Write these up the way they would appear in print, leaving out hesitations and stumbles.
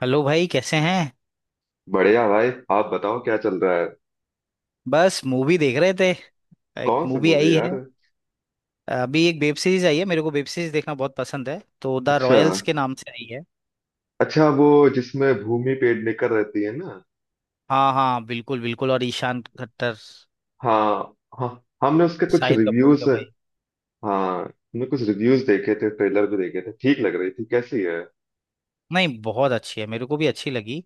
Hello भाई कैसे हैं। बढ़िया भाई। आप बताओ क्या चल रहा है? बस मूवी देख रहे थे। एक कौन सी मूवी मूवी आई यार? है। अभी एक वेब सीरीज आई है, मेरे को वेब सीरीज देखना बहुत पसंद है, तो द अच्छा। रॉयल्स के नाम से आई है। अच्छा, वो जिसमें भूमि पेडनेकर रहती है ना? हाँ हाँ, बिल्कुल बिल्कुल, और ईशान खट्टर, हाँ हाँ, हमने उसके कुछ शाहिद कपूर रिव्यूज। के भाई। हाँ हमने कुछ रिव्यूज देखे थे, ट्रेलर भी देखे थे, ठीक लग रही थी, कैसी है? नहीं, बहुत अच्छी है, मेरे को भी अच्छी लगी।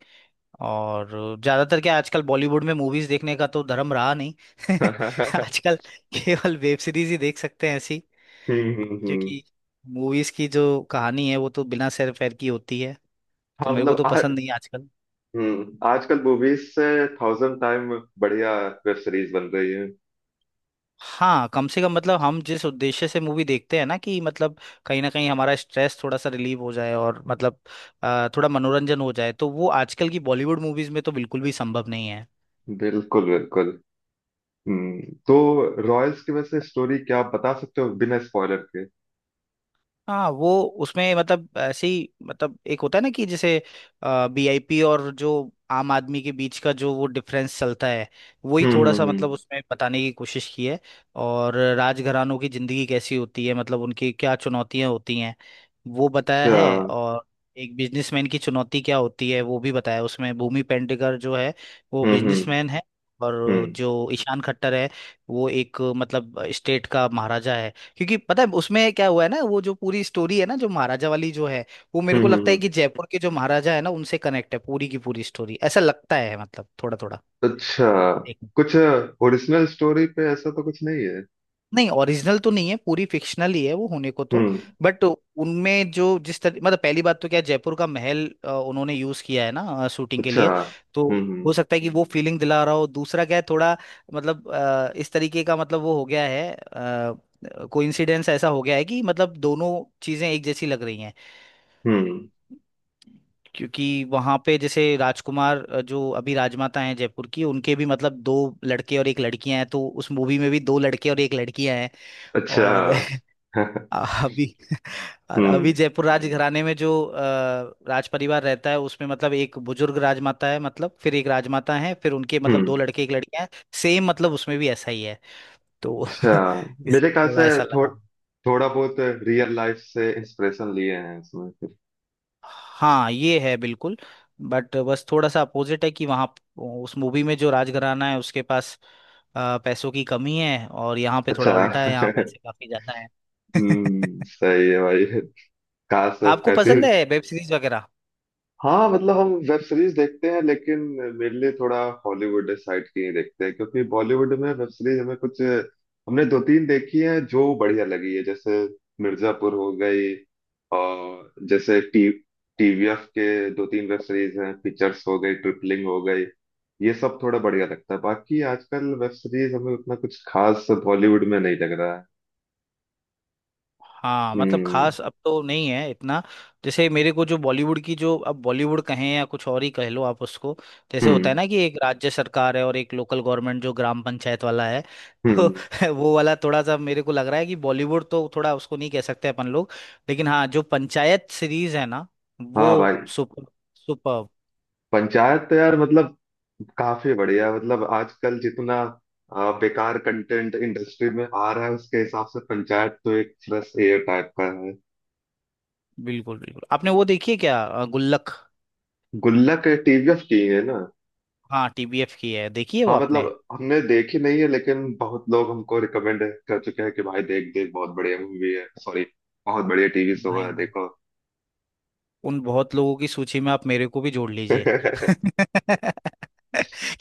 और ज्यादातर क्या, आजकल बॉलीवुड में मूवीज देखने का तो धर्म रहा नहीं हम्म आजकल केवल वेब सीरीज ही देख सकते हैं ऐसी, हम्म। क्योंकि मूवीज की जो कहानी है वो तो बिना सैर फैर की होती है, तो हाँ मेरे को मतलब तो पसंद नहीं है आजकल। हम्म, आजकल मूवीज से थाउजेंड टाइम बढ़िया वेब सीरीज बन रही है। हाँ, कम से कम मतलब हम जिस उद्देश्य से मूवी देखते हैं ना, कि मतलब कहीं ना कहीं हमारा स्ट्रेस थोड़ा सा रिलीव हो जाए, और मतलब थोड़ा मनोरंजन हो जाए, तो वो आजकल की बॉलीवुड मूवीज में तो बिल्कुल भी संभव नहीं। बिल्कुल बिल्कुल। हम्म। तो रॉयल्स की वैसे स्टोरी क्या आप बता सकते हो बिना स्पॉइलर के? हाँ वो, उसमें मतलब ऐसे ही, मतलब एक होता है ना, कि जैसे वीआईपी और जो आम आदमी के बीच का जो वो डिफरेंस चलता है, वही हम्म थोड़ा हम्म सा मतलब हम्म। उसमें बताने की कोशिश की है। और राजघरानों की जिंदगी कैसी होती है, मतलब उनकी क्या चुनौतियां होती हैं, वो बताया अच्छा। है। और एक बिजनेसमैन की चुनौती क्या होती है वो भी बताया है। उसमें भूमि पेडनेकर जो है, वो हम्म बिजनेसमैन है। और हम्म जो ईशान खट्टर है, वो एक मतलब स्टेट का महाराजा है। क्योंकि पता है उसमें क्या हुआ है ना, वो जो पूरी स्टोरी है ना, जो महाराजा वाली जो है, वो मेरे हम्म को हम्म लगता है हम्म, कि जयपुर के जो महाराजा है ना, उनसे कनेक्ट है पूरी की पूरी स्टोरी, ऐसा लगता है मतलब थोड़ा थोड़ा। अच्छा। एक मिनट। कुछ ओरिजिनल स्टोरी पे ऐसा तो कुछ नहीं है? नहीं, ओरिजिनल तो नहीं है, पूरी फिक्शनल ही है वो होने को तो। हम्म। बट उनमें जो जिस तरह, मतलब पहली बात तो क्या, जयपुर का महल उन्होंने यूज किया है ना शूटिंग के अच्छा। लिए। तो हम्म हम्म हो सकता है कि वो फीलिंग दिला रहा हो। दूसरा क्या है, थोड़ा मतलब इस तरीके का, मतलब वो हो गया है कोइंसिडेंस, ऐसा हो गया है कि मतलब दोनों चीजें एक जैसी लग रही हैं। हम्म, क्योंकि वहां पे जैसे राजकुमार जो अभी राजमाता हैं जयपुर की, उनके भी मतलब दो लड़के और एक लड़कियां हैं, तो उस मूवी में भी दो लड़के और एक लड़कियां हैं अच्छा। और अभी, और अभी हम्म जयपुर राज घराने में जो राज परिवार रहता है, उसमें मतलब एक बुजुर्ग राजमाता है, मतलब फिर एक राजमाता है, फिर उनके मतलब दो हम्म। लड़के एक लड़कियां हैं, सेम मतलब उसमें भी ऐसा ही है तो अच्छा। मेरे इसलिए ख्याल से थोड़ा ऐसा थो, लगा। थोड़ा बहुत रियल लाइफ से इंस्पिरेशन लिए हैं इसमें फिर। हाँ, ये है बिल्कुल। बट बस थोड़ा सा अपोजिट है कि वहाँ उस मूवी में जो राजघराना है उसके पास पैसों की कमी है, और यहाँ पे थोड़ा अच्छा। उल्टा है, यहाँ पैसे काफी ज्यादा है हम्म। सही है भाई। काश। आपको ऐसे पसंद है वेब सीरीज वगैरह? हाँ मतलब हम वेब सीरीज देखते हैं लेकिन मेरे लिए थोड़ा हॉलीवुड साइड की ही देखते हैं, क्योंकि बॉलीवुड में वेब सीरीज हमें कुछ, हमने दो तीन देखी है जो बढ़िया लगी है, जैसे मिर्जापुर हो गई, और जैसे टी टीवीएफ के दो तीन वेब सीरीज हैं, पिक्चर्स हो गई, ट्रिपलिंग हो गई। ये सब थोड़ा बढ़िया लगता है, बाकी आजकल वेब सीरीज हमें उतना कुछ खास बॉलीवुड में नहीं लग रहा है। हाँ, मतलब हम्म खास अब तो नहीं है इतना। जैसे मेरे को जो बॉलीवुड की जो, अब बॉलीवुड कहें या कुछ और ही कह लो आप उसको, जैसे होता है हम्म ना कि एक राज्य सरकार है और एक लोकल गवर्नमेंट जो ग्राम पंचायत वाला है हम्म। तो वो वाला थोड़ा सा मेरे को लग रहा है कि बॉलीवुड तो थोड़ा उसको नहीं कह सकते अपन लोग। लेकिन हाँ, जो पंचायत सीरीज है ना, हाँ वो भाई। Super super. पंचायत तो यार मतलब काफी बढ़िया, मतलब आजकल जितना बेकार कंटेंट इंडस्ट्री में आ रहा है उसके हिसाब से पंचायत तो एक फ्रेश एयर टाइप का है। बिल्कुल बिल्कुल, आपने वो देखी है क्या, गुल्लक? गुल्लक टीवीएफ की है ना? हाँ टीबीएफ की है, देखी है वो हाँ मतलब आपने? हमने देखी नहीं है लेकिन बहुत लोग हमको रिकमेंड कर चुके हैं कि भाई देख देख, बहुत बढ़िया मूवी है, सॉरी, बहुत बढ़िया टीवी शो है, भाई देखो। उन बहुत लोगों की सूची में आप मेरे को भी जोड़ लीजिए हम्म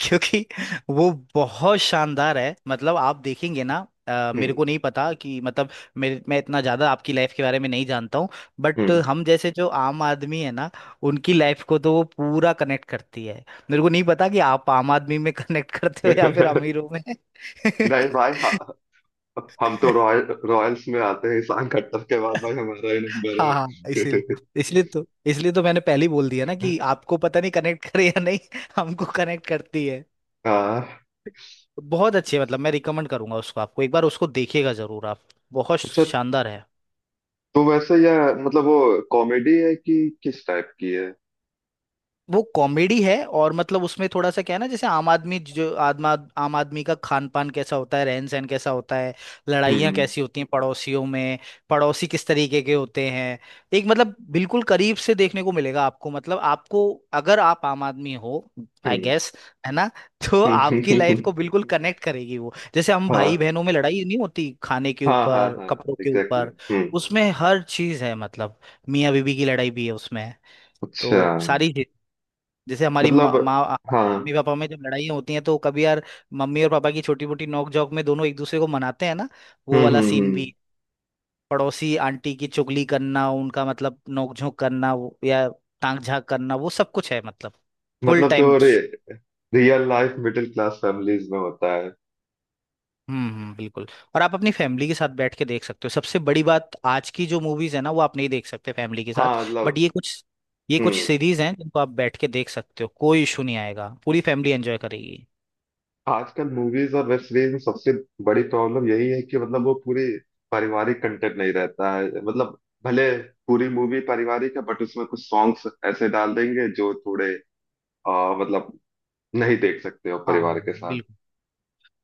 क्योंकि वो बहुत शानदार है, मतलब आप देखेंगे ना। मेरे को नहीं पता कि मतलब, मेरे, मैं इतना ज्यादा आपकी लाइफ के बारे में नहीं जानता हूँ, बट हम्म। हम जैसे जो आम आदमी है ना, उनकी लाइफ को तो वो पूरा कनेक्ट करती है। मेरे को नहीं पता कि आप आम आदमी में कनेक्ट करते हो या फिर अमीरों में नहीं भाई हम तो रॉयल्स में आते हैं, ईशान खट्टर के बाद भाई हमारा ही नंबर हाँ है। हाँ, इसलिए, इसलिए तो, इसलिए तो मैंने पहले ही बोल दिया ना कि आपको पता नहीं कनेक्ट करे या नहीं हमको कनेक्ट करती है। हाँ। बहुत अच्छी है, मतलब मैं रिकमेंड करूंगा उसको, आपको एक बार उसको देखिएगा जरूर आप, बहुत अच्छा शानदार है। तो वैसे यह मतलब वो कॉमेडी है कि किस टाइप की है? वो कॉमेडी है, और मतलब उसमें थोड़ा सा क्या है ना, जैसे आम आदमी जो आदमा आम आदमी का खान पान कैसा होता है, रहन सहन कैसा होता है, लड़ाइयाँ हम्म कैसी होती हैं पड़ोसियों में, पड़ोसी किस तरीके के होते हैं, एक मतलब बिल्कुल करीब से देखने को मिलेगा आपको, मतलब आपको, अगर आप आम आदमी हो आई हम्म। गेस, है ना तो आपकी लाइफ को बिल्कुल कनेक्ट करेगी वो। जैसे हम भाई हाँ बहनों में लड़ाई नहीं होती खाने के हाँ हाँ ऊपर, हाँ, कपड़ों के एग्जैक्टली। ऊपर, हम्म। उसमें हर चीज है मतलब। मियाँ बीवी की लड़ाई भी है उसमें, अच्छा। तो सारी। जैसे हमारी मतलब माँ माँ- हाँ। मम्मी पापा में जब लड़ाइयाँ होती हैं, तो कभी यार मम्मी और पापा की छोटी मोटी नोक झोंक में दोनों एक दूसरे को मनाते हैं ना, वो वाला सीन हम्म। भी। पड़ोसी आंटी की चुगली करना, उनका मतलब नोक झोंक करना या टांग झांक करना, वो सब कुछ है मतलब, फुल मतलब टाइम। जो real life middle class families में होता है। बिल्कुल। और आप अपनी फैमिली के साथ बैठ के देख सकते हो, सबसे बड़ी बात, आज की जो मूवीज है ना, वो आप नहीं देख सकते फैमिली के साथ। हाँ बट मतलब। ये कुछ, ये कुछ हम्म। सीरीज हैं जिनको आप बैठ के देख सकते हो, कोई इशू नहीं आएगा, पूरी फैमिली एंजॉय करेगी। आजकल मूवीज और वेब सीरीज में सबसे बड़ी प्रॉब्लम यही है कि मतलब वो पूरी, पारिवारिक कंटेंट नहीं रहता है, मतलब भले पूरी मूवी पारिवारिक है बट उसमें कुछ सॉन्ग्स ऐसे डाल देंगे जो थोड़े मतलब नहीं देख सकते हो हाँ परिवार के साथ। बिल्कुल।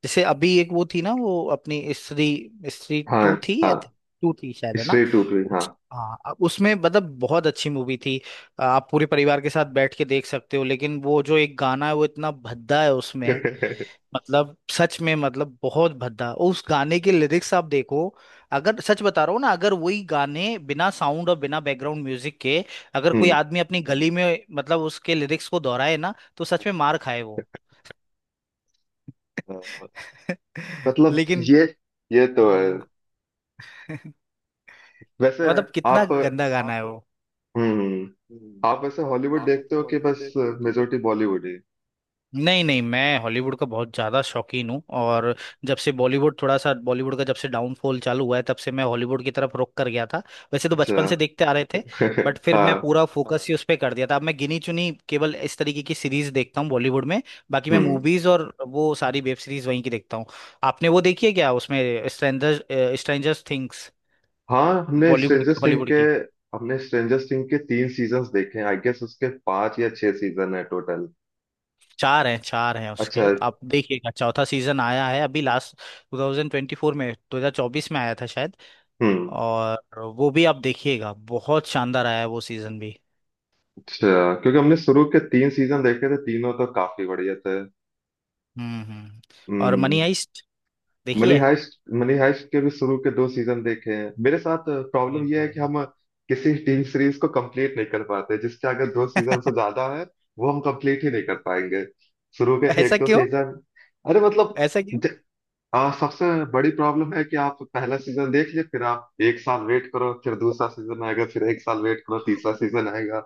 जैसे अभी एक वो थी ना, वो अपनी स्त्री स्त्री हाँ टू थी या हाँ, टू थी शायद, है ना? स्ट्रे टू ट्री हाँ। उस, हाँ उसमें मतलब बहुत अच्छी मूवी थी, आप पूरे परिवार के साथ बैठ के देख सकते हो, लेकिन वो जो एक गाना है वो इतना भद्दा है उसमें, हम्म। मतलब सच में, मतलब बहुत भद्दा, उस गाने के लिरिक्स आप देखो। अगर, सच बता रहा हूँ ना, अगर वही गाने बिना साउंड और बिना बैकग्राउंड म्यूजिक के, अगर कोई आदमी अपनी गली में मतलब उसके लिरिक्स को दोहराए ना, तो सच में मार खाए वो अ, मतलब लेकिन ये ये तो है। हाँ। वैसे मतलब कितना आप। गंदा गाना है वो। हम्म। आप वैसे हॉलीवुड देखते हो कि बस मेजोरिटी बॉलीवुड ही? नहीं नहीं, मैं हॉलीवुड का बहुत ज़्यादा शौकीन हूँ, और जब से बॉलीवुड थोड़ा सा, बॉलीवुड का जब से डाउनफॉल चालू हुआ है, तब से मैं हॉलीवुड की तरफ रुक कर गया था। वैसे तो बचपन से अच्छा। देखते आ रहे थे, बट फिर मैं हाँ। पूरा फोकस ही उस पर कर दिया था। अब मैं गिनी चुनी केवल इस तरीके की सीरीज देखता हूँ बॉलीवुड में, बाकी मैं हम्म। मूवीज और वो सारी वेब सीरीज वहीं की देखता हूँ। आपने वो देखी है क्या, उसमें स्ट्रेंजर्स, स्ट्रेंजर्स थिंग्स? हाँ हमने बॉलीवुड स्ट्रेंजर थिंग हॉलीवुड के, की। तीन सीजन्स देखे हैं, आई गेस उसके पांच या छह सीजन है टोटल। चार हैं, चार हैं उसके, अच्छा। आप देखिएगा, चौथा सीजन आया है अभी लास्ट, 2024 में, 2024 में आया था शायद। हम्म। और वो भी आप देखिएगा, बहुत शानदार आया है वो सीजन भी। अच्छा, क्योंकि हमने शुरू के तीन सीजन देखे थे, तीनों तो काफी बढ़िया थे। हम्म। और मनी हम्म। हाइस्ट, मनी देखिए। हाइस्ट, मनी हाइस्ट के भी शुरू के दो सीजन देखे हैं। मेरे साथ अरे प्रॉब्लम यह है कि भाई हम किसी टीवी सीरीज को कंप्लीट नहीं कर पाते, जिसके अगर दो सीजन से ज्यादा है वो हम कंप्लीट ही नहीं कर पाएंगे, शुरू के ऐसा एक दो क्यों, सीजन। अरे मतलब ऐसा क्यों? ज- सबसे बड़ी प्रॉब्लम है कि आप पहला सीजन देख लिए, फिर आप एक साल वेट करो, फिर दूसरा सीजन आएगा, फिर एक साल वेट करो, तीसरा सीजन आएगा।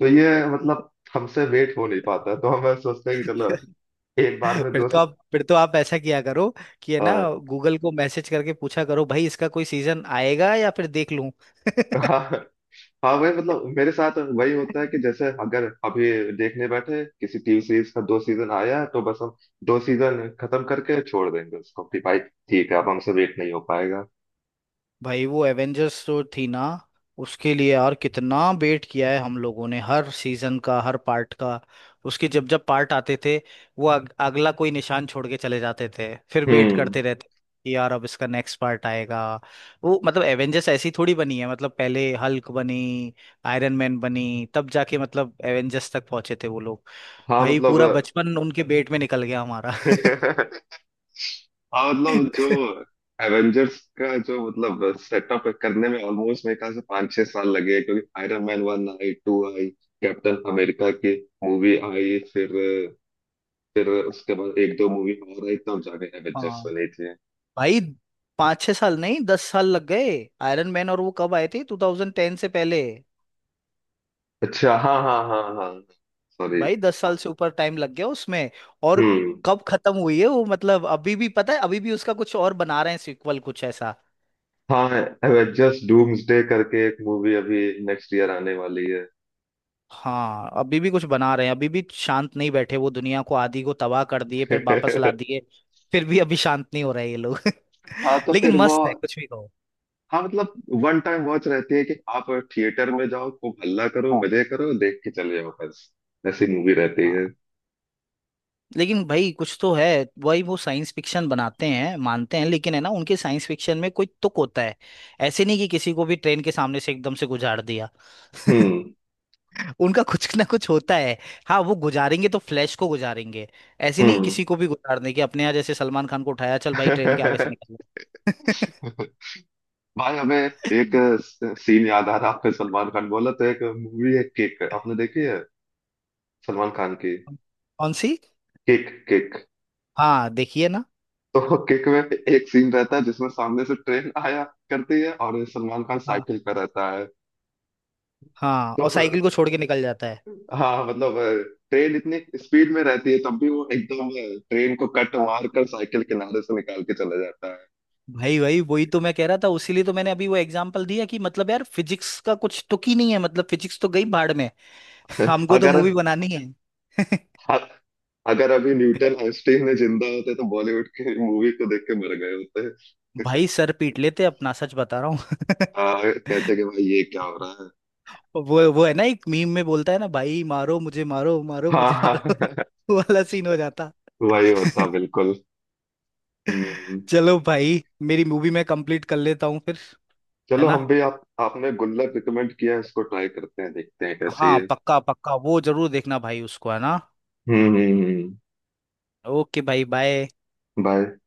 तो ये मतलब हमसे वेट हो नहीं पाता, तो हम सोचते हैं कि चलो एक बार में फिर तो आप ऐसा किया करो कि, है ना, गूगल को मैसेज करके पूछा करो भाई इसका कोई सीजन आएगा या फिर देख लूं आ, हाँ वही मतलब मेरे साथ वही होता है कि जैसे अगर अभी देखने बैठे किसी टीवी सीरीज का दो सीजन आया है, तो बस हम दो सीजन खत्म करके छोड़ देंगे उसको, कि भाई ठीक है, अब हमसे वेट नहीं हो पाएगा। भाई वो एवेंजर्स जो थी ना, उसके लिए यार कितना वेट किया है हम लोगों ने, हर सीजन का, हर पार्ट का। उसके जब जब पार्ट आते थे, वो अगला कोई निशान छोड़ के चले जाते थे, फिर वेट हम्म। करते रहते कि यार अब इसका नेक्स्ट पार्ट आएगा। वो मतलब एवेंजर्स ऐसी थोड़ी बनी है, मतलब पहले हल्क बनी, आयरन मैन बनी, तब जाके मतलब एवेंजर्स तक पहुंचे थे वो लोग। हाँ भाई मतलब। पूरा बचपन उनके पेट में निकल गया हमारा हाँ मतलब जो एवेंजर्स का जो मतलब सेटअप करने में ऑलमोस्ट मेरे ख्याल से 5-6 साल लगे, क्योंकि आयरन मैन वन आई, टू आई, कैप्टन अमेरिका की मूवी आई, फिर उसके बाद एक दो मूवी और आई तब जाके एवेंजर्स हाँ बनी थी। भाई, पाँच छह साल नहीं, दस साल लग गए। आयरन मैन और वो कब आए थे, 2010 से पहले। अच्छा हाँ हाँ हाँ हाँ, सॉरी। भाई दस साल से ऊपर टाइम लग गया उसमें। और हम्म। कब खत्म हुई है वो, मतलब अभी भी, पता है अभी भी उसका कुछ और बना रहे हैं, सीक्वल कुछ ऐसा। हाँ एवेंजर्स डूम्सडे करके एक मूवी अभी नेक्स्ट ईयर आने वाली है। हाँ अभी भी कुछ बना रहे हैं, अभी भी शांत नहीं बैठे। वो दुनिया को आधी को तबाह कर दिए, फिर वापस ला दिए, फिर भी अभी शांत नहीं हो रहे ये लोग हाँ तो लेकिन फिर वो, मस्त है कुछ भी कहो। हाँ मतलब वन टाइम वॉच रहती है कि आप थिएटर में जाओ, खूब हल्ला करो, मजे करो, देख के चले जाओ बस, ऐसी मूवी रहती है। हाँ। लेकिन भाई कुछ तो है, वही, वो साइंस फिक्शन बनाते हैं मानते हैं, लेकिन है ना, उनके साइंस फिक्शन में कोई तुक होता है। ऐसे नहीं कि किसी को भी ट्रेन के सामने से एकदम से गुजार दिया, हम्म उनका कुछ ना कुछ होता है। हाँ वो गुजारेंगे तो फ्लैश को गुजारेंगे, ऐसे नहीं कि हम्म। किसी को भी गुजार देंगे, अपने यहाँ जैसे सलमान खान को उठाया, चल भाई ट्रेन के आगे से निकल जा। भाई हमें एक सीन याद आ रहा, आपने सलमान खान बोला तो। एक मूवी है केक, आपने देखी है सलमान खान की कौन सी? केक? केक, हाँ देखिए ना। तो किक में एक सीन रहता है जिसमें सामने से ट्रेन आया करती है और सलमान खान हाँ साइकिल पर रहता है, हाँ, तो और साइकिल को छोड़ के निकल जाता है। हाँ मतलब ट्रेन इतनी स्पीड में रहती है तब भी वो एकदम ट्रेन को कट मार कर साइकिल किनारे से निकाल के चला जाता है। भाई भाई, वही तो मैं कह रहा था, उसीलिए तो मैंने अभी वो एग्जांपल दिया, कि मतलब यार फिजिक्स का कुछ तुक ही नहीं है, मतलब फिजिक्स तो गई भाड़ में हमको तो मूवी अगर बनानी है अ- अगर अभी न्यूटन आइंस्टीन ने जिंदा होते तो बॉलीवुड की मूवी को देख के मर गए होते, भाई सर पीट लेते अपना, सच बता रहा हूँ कहते कि भाई ये क्या हो रहा है। वो है ना एक मीम में बोलता है ना, भाई मारो मुझे मारो, मारो हाँ मुझे मारो हाँ। वो वाला सीन हो जाता वही होता बिल्कुल। हम्म। चलो भाई, मेरी मूवी मैं कंप्लीट कर लेता हूँ फिर, है चलो ना। हम भी, आप आपने गुल्लक रिकमेंड किया है, इसको ट्राई करते हैं देखते हैं कैसे। हाँ पक्का पक्का, वो जरूर देखना भाई उसको, है ना। हम्म हम्म, हम्म। ओके भाई बाय। भाई।